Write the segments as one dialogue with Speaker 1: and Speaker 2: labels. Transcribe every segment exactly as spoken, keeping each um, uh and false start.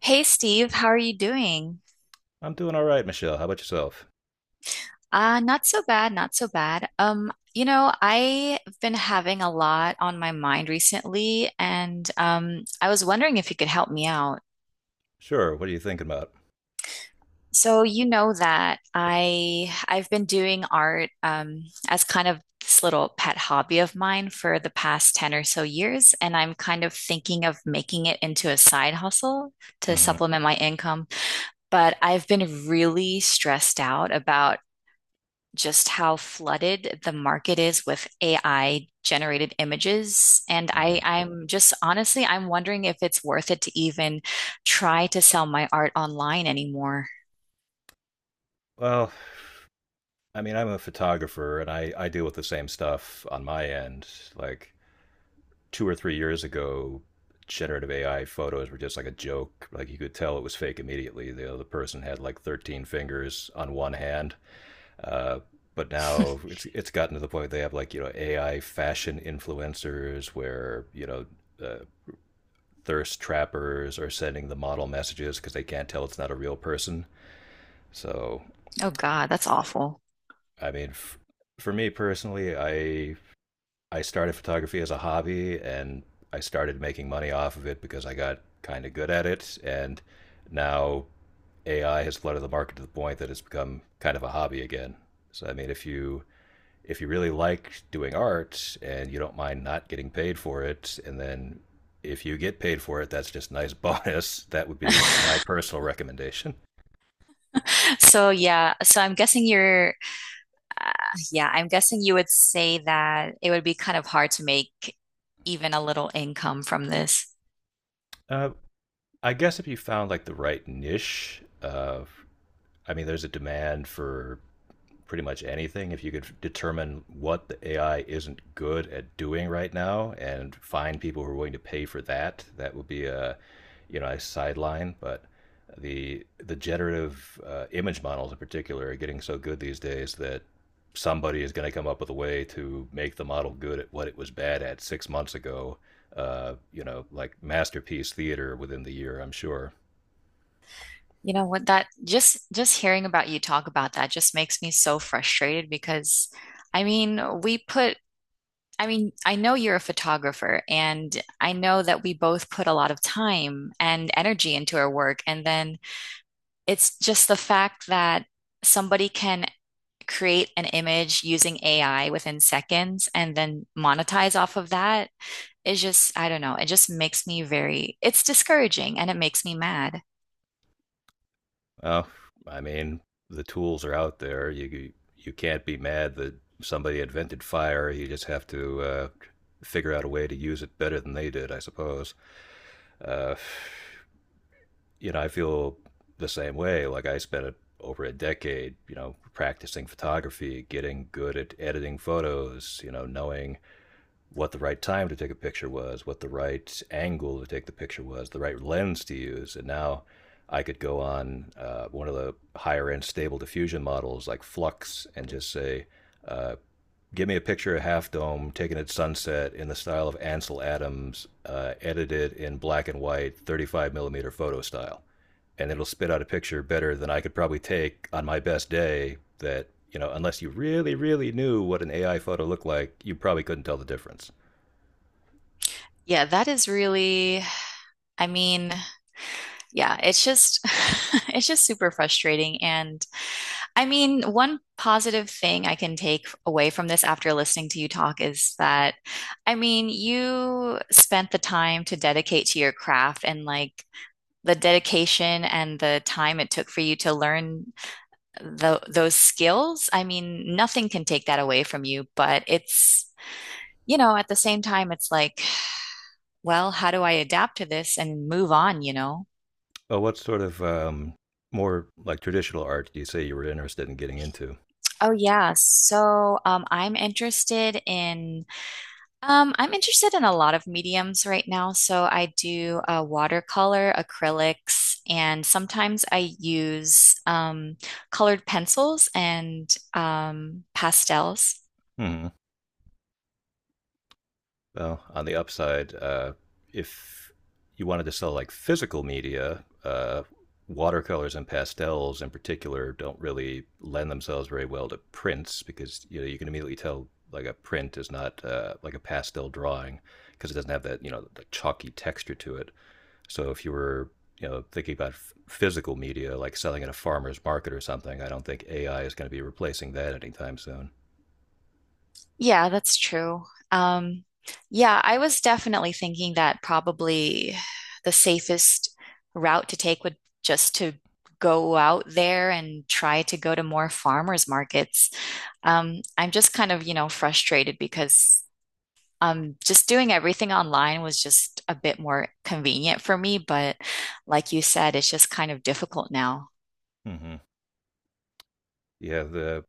Speaker 1: Hey Steve, how are you doing?
Speaker 2: I'm doing all right, Michelle. How about yourself?
Speaker 1: Uh, not so bad, not so bad. Um, you know, I've been having a lot on my mind recently, and um, I was wondering if you could help me out.
Speaker 2: Sure. What are you thinking about?
Speaker 1: So you know that I I've been doing art um, as kind of this little pet hobby of mine for the past ten or so years, and I'm kind of thinking of making it into a side hustle to
Speaker 2: Hmm.
Speaker 1: supplement my income, but I've been really stressed out about just how flooded the market is with A I generated images. And
Speaker 2: Hmm.
Speaker 1: I, I'm just honestly, I'm wondering if it's worth it to even try to sell my art online anymore.
Speaker 2: Well, I mean, I'm a photographer and I, I deal with the same stuff on my end. Like two or three years ago, generative A I photos were just like a joke. Like you could tell it was fake immediately. The other person had like thirteen fingers on one hand. Uh, but now it's it's gotten to the point they have like, you know, A I fashion influencers where, you know, uh, thirst trappers are sending the model messages because they can't tell it's not a real person. So,
Speaker 1: Oh God, that's awful.
Speaker 2: I mean, f- for me personally, I I started photography as a hobby and I started making money off of it because I got kind of good at it, and now A I has flooded the market to the point that it's become kind of a hobby again. So, I mean, if you if you really like doing art and you don't mind not getting paid for it, and then if you get paid for it, that's just a nice bonus. That would be my personal recommendation.
Speaker 1: So yeah, so I'm guessing you're, uh, yeah, I'm guessing you would say that it would be kind of hard to make even a little income from this.
Speaker 2: Uh, I guess if you found like the right niche, uh, I mean, there's a demand for pretty much anything if you could determine what the A I isn't good at doing right now and find people who are willing to pay for that. That would be a, you know, a sideline, but the the generative uh, image models in particular are getting so good these days that somebody is going to come up with a way to make the model good at what it was bad at six months ago. Uh, you know, like masterpiece theater within the year, I'm sure.
Speaker 1: You know what that just just hearing about you talk about that just makes me so frustrated because I mean, we put I mean, I know you're a photographer, and I know that we both put a lot of time and energy into our work. And then it's just the fact that somebody can create an image using A I within seconds and then monetize off of that is just, I don't know, it just makes me very, it's discouraging and it makes me mad.
Speaker 2: Well, I mean, the tools are out there. You you can't be mad that somebody invented fire. You just have to uh, figure out a way to use it better than they did, I suppose. Uh, you know, I feel the same way. Like I spent a, over a decade, you know, practicing photography, getting good at editing photos, you know, knowing what the right time to take a picture was, what the right angle to take the picture was, the right lens to use. And now I could go on uh, one of the higher end stable diffusion models like Flux and just say, uh, give me a picture of Half Dome taken at sunset in the style of Ansel Adams, uh, edited in black and white, thirty-five millimeter photo style. And it'll spit out a picture better than I could probably take on my best day that, you know, unless you really, really knew what an A I photo looked like, you probably couldn't tell the difference.
Speaker 1: Yeah, that is really, I mean, yeah, it's just, it's just super frustrating. And I mean, one positive thing I can take away from this after listening to you talk is that, I mean, you spent the time to dedicate to your craft and like the dedication and the time it took for you to learn tho- those skills. I mean, nothing can take that away from you, but it's, you know, at the same time, it's like, well, how do I adapt to this?
Speaker 2: Oh, what sort of um, more like traditional art do you say you were interested in getting into?
Speaker 1: Um, I'm interested in a lot of mediums right now. So I do uh, watercolor, acrylics, and sometimes I use um, colored pencils and um, pastels.
Speaker 2: Hmm. Well, on the upside, uh, if you wanted to sell like physical media, uh, watercolors and pastels in particular don't really lend themselves very well to prints because, you know, you can immediately tell like a print is not uh, like a pastel drawing because it doesn't have that, you know, the chalky texture to it. So if you were, you know, thinking about f- physical media, like selling at a farmer's market or something, I don't think A I is going to be replacing that anytime soon.
Speaker 1: Yeah, that's true. Um, yeah, I was definitely thinking that probably the safest route to take would just to go out there and try to go to more farmers markets. Um, I'm just kind of, you know, frustrated because um, just doing everything online was just a bit more convenient for me. But like you said, it's just kind of difficult now.
Speaker 2: Mm-hmm. Yeah, the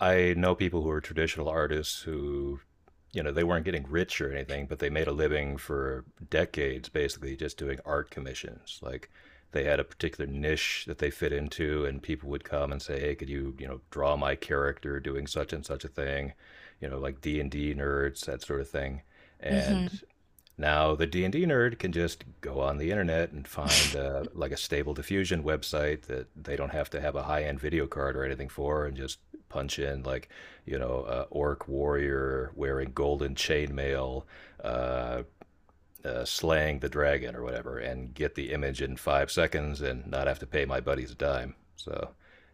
Speaker 2: I know people who are traditional artists who, you know, they weren't getting rich or anything, but they made a living for decades basically just doing art commissions. Like they had a particular niche that they fit into, and people would come and say, "Hey, could you, you know, draw my character doing such and such a thing?" You know, like D and D nerds, that sort of thing. And
Speaker 1: Hmm.
Speaker 2: now, the D and D nerd can just go on the internet and find uh, like a stable diffusion website that they don't have to have a high-end video card or anything for, and just punch in like, you know, uh, orc warrior wearing golden chainmail uh, uh, slaying the dragon or whatever and get the image in five seconds and not have to pay my buddies a dime. So,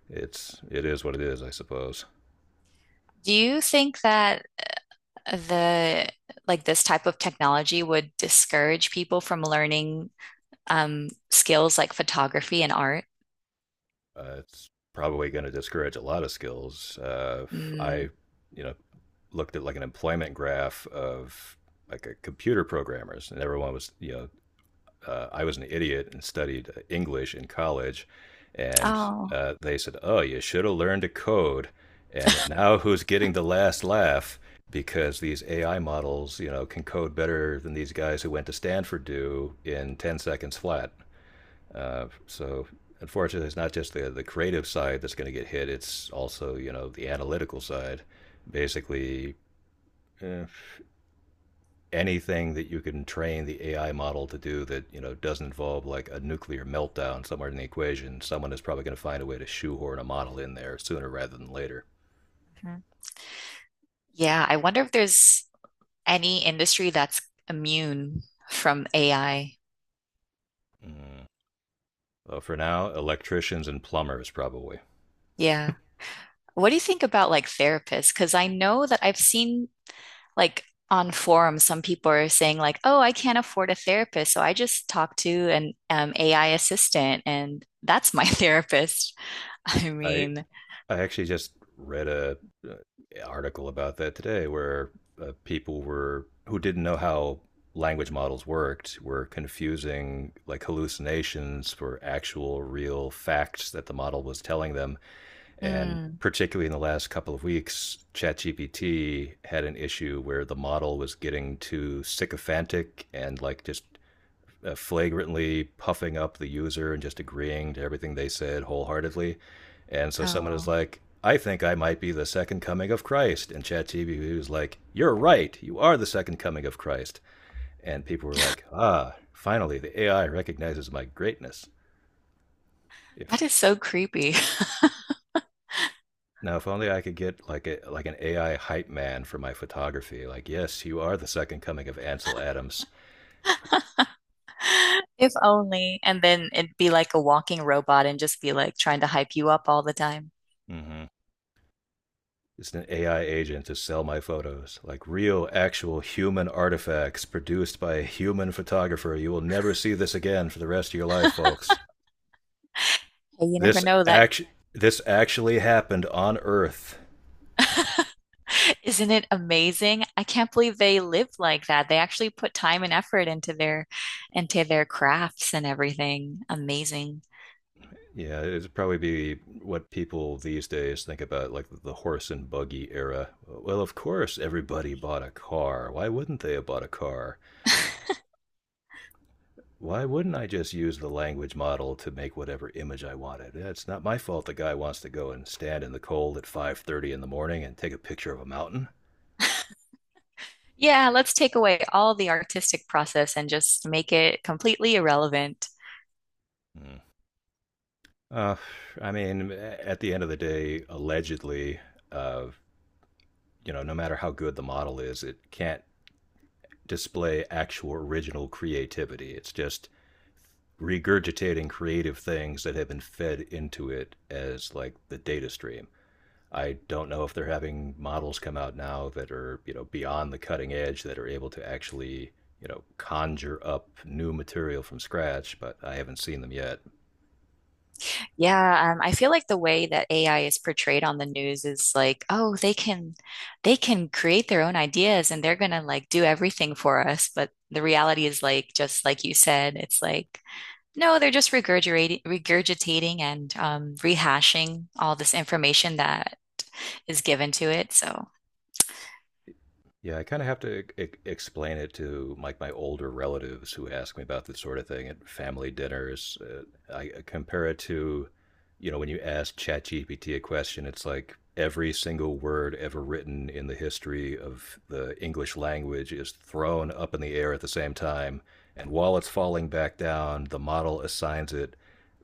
Speaker 2: it's it is what it is, I suppose.
Speaker 1: Do you think that the like this type of technology would discourage people from learning um, skills like photography and art?
Speaker 2: Uh, it's probably going to discourage a lot of skills. Uh, I,
Speaker 1: Mm.
Speaker 2: you know, looked at like an employment graph of like a computer programmers, and everyone was, you know, uh, I was an idiot and studied English in college, and
Speaker 1: Oh.
Speaker 2: uh, they said, "Oh, you should have learned to code." And now, who's getting the last laugh? Because these A I models, you know, can code better than these guys who went to Stanford do in ten seconds flat. Uh, so unfortunately, it's not just the the creative side that's going to get hit. It's also, you know, the analytical side. Basically, eh, anything that you can train the A I model to do that, you know, doesn't involve like a nuclear meltdown somewhere in the equation, someone is probably going to find a way to shoehorn a model in there sooner rather than later.
Speaker 1: Mhm. Yeah. I wonder if there's any industry that's immune from A I.
Speaker 2: Mm. Well, for now, electricians and plumbers probably.
Speaker 1: Yeah. What do you think about like therapists? Because I know that I've seen like on forums, some people are saying like, "Oh, I can't afford a therapist, so I just talk to an um, A I assistant, and that's my therapist." I
Speaker 2: I
Speaker 1: mean,
Speaker 2: I actually just read a, a article about that today, where uh, people were who didn't know how language models worked were confusing like hallucinations for actual real facts that the model was telling them, and
Speaker 1: mm,
Speaker 2: particularly in the last couple of weeks chatgpt had an issue where the model was getting too sycophantic and like just uh, flagrantly puffing up the user and just agreeing to everything they said wholeheartedly. And so someone is
Speaker 1: oh,
Speaker 2: like, I think I might be the second coming of Christ. And ChatGPT was like, you're right. You are the second coming of Christ. And people were like, ah, finally, the A I recognizes my greatness. If
Speaker 1: that is so creepy.
Speaker 2: now, if only I could get like a like an A I hype man for my photography. Like, yes, you are the second coming of Ansel Adams.
Speaker 1: If only, and then it'd be like a walking robot and just be like trying to hype you up all the time.
Speaker 2: Mm-hmm. It's an A I agent to sell my photos. Like real, actual human artifacts produced by a human photographer. You will never see this again for the rest of your life, folks.
Speaker 1: Hey, you never
Speaker 2: This
Speaker 1: know that.
Speaker 2: act- this actually happened on Earth.
Speaker 1: Isn't it amazing? I can't believe they live like that. They actually put time and effort into their into their crafts and everything. Amazing.
Speaker 2: Yeah, it'd probably be what people these days think about, like the horse and buggy era. Well, of course, everybody bought a car. Why wouldn't they have bought a car? Why wouldn't I just use the language model to make whatever image I wanted? Yeah, it's not my fault the guy wants to go and stand in the cold at five thirty in the morning and take a picture of a mountain.
Speaker 1: Yeah, let's take away all the artistic process and just make it completely irrelevant.
Speaker 2: Hmm. Uh, I mean, at the end of the day, allegedly, uh, you know, no matter how good the model is, it can't display actual original creativity. It's just regurgitating creative things that have been fed into it as like the data stream. I don't know if they're having models come out now that are, you know, beyond the cutting edge that are able to actually, you know, conjure up new material from scratch, but I haven't seen them yet.
Speaker 1: Yeah, um, I feel like the way that A I is portrayed on the news is like, oh, they can they can create their own ideas and they're gonna like do everything for us. But the reality is like just like you said, it's like no, they're just regurgitating regurgitating and um, rehashing all this information that is given to it. So
Speaker 2: Yeah, I kind of have to e- e-, explain it to like my older relatives who ask me about this sort of thing at family dinners. Uh, I I compare it to, you know, when you ask ChatGPT a question, it's like every single word ever written in the history of the English language is thrown up in the air at the same time, and while it's falling back down, the model assigns it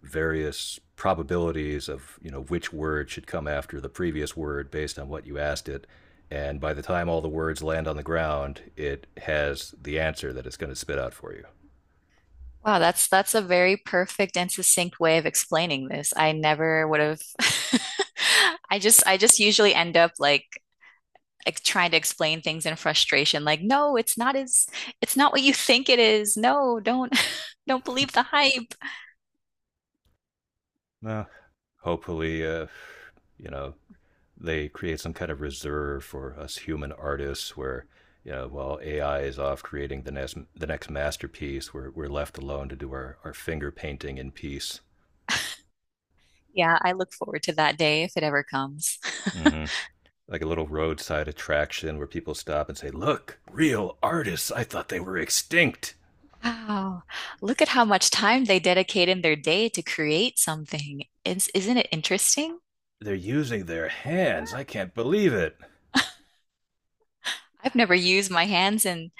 Speaker 2: various probabilities of, you know, which word should come after the previous word based on what you asked it, and by the time all the words land on the ground, it has the answer that it's going to spit out for you.
Speaker 1: wow, that's that's a very perfect and succinct way of explaining this. I never would have I just I just usually end up like ex- trying to explain things in frustration, like, no, it's not as it's not what you think it is. No, don't don't believe the hype.
Speaker 2: Well, hopefully, uh, you know, they create some kind of reserve for us human artists where, you know, while A I is off creating the next the next masterpiece, we're, we're left alone to do our, our finger painting in peace.
Speaker 1: Yeah, I look forward to that day if it ever comes.
Speaker 2: Hmm. Like a little roadside attraction where people stop and say, "Look, real artists! I thought they were extinct.
Speaker 1: Wow. Look at how much time they dedicate in their day to create something. It's, isn't it interesting?
Speaker 2: They're using their hands. I can't believe it."
Speaker 1: I've never used my hands in,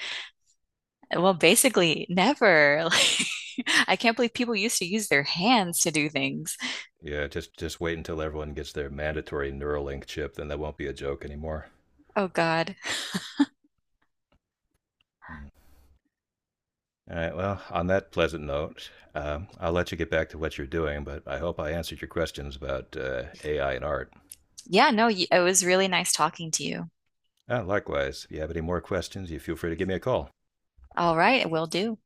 Speaker 1: well, basically, never. Like, I can't believe people used to use their hands to do things.
Speaker 2: Yeah, just just wait until everyone gets their mandatory Neuralink chip, then that won't be a joke anymore.
Speaker 1: Oh, God.
Speaker 2: Mm. All right. Well, on that pleasant note, um, I'll let you get back to what you're doing, but I hope I answered your questions about uh, A I and art.
Speaker 1: Yeah, no, y- it was really nice talking to you.
Speaker 2: Uh, likewise, if you have any more questions, you feel free to give me a call.
Speaker 1: All right, will do.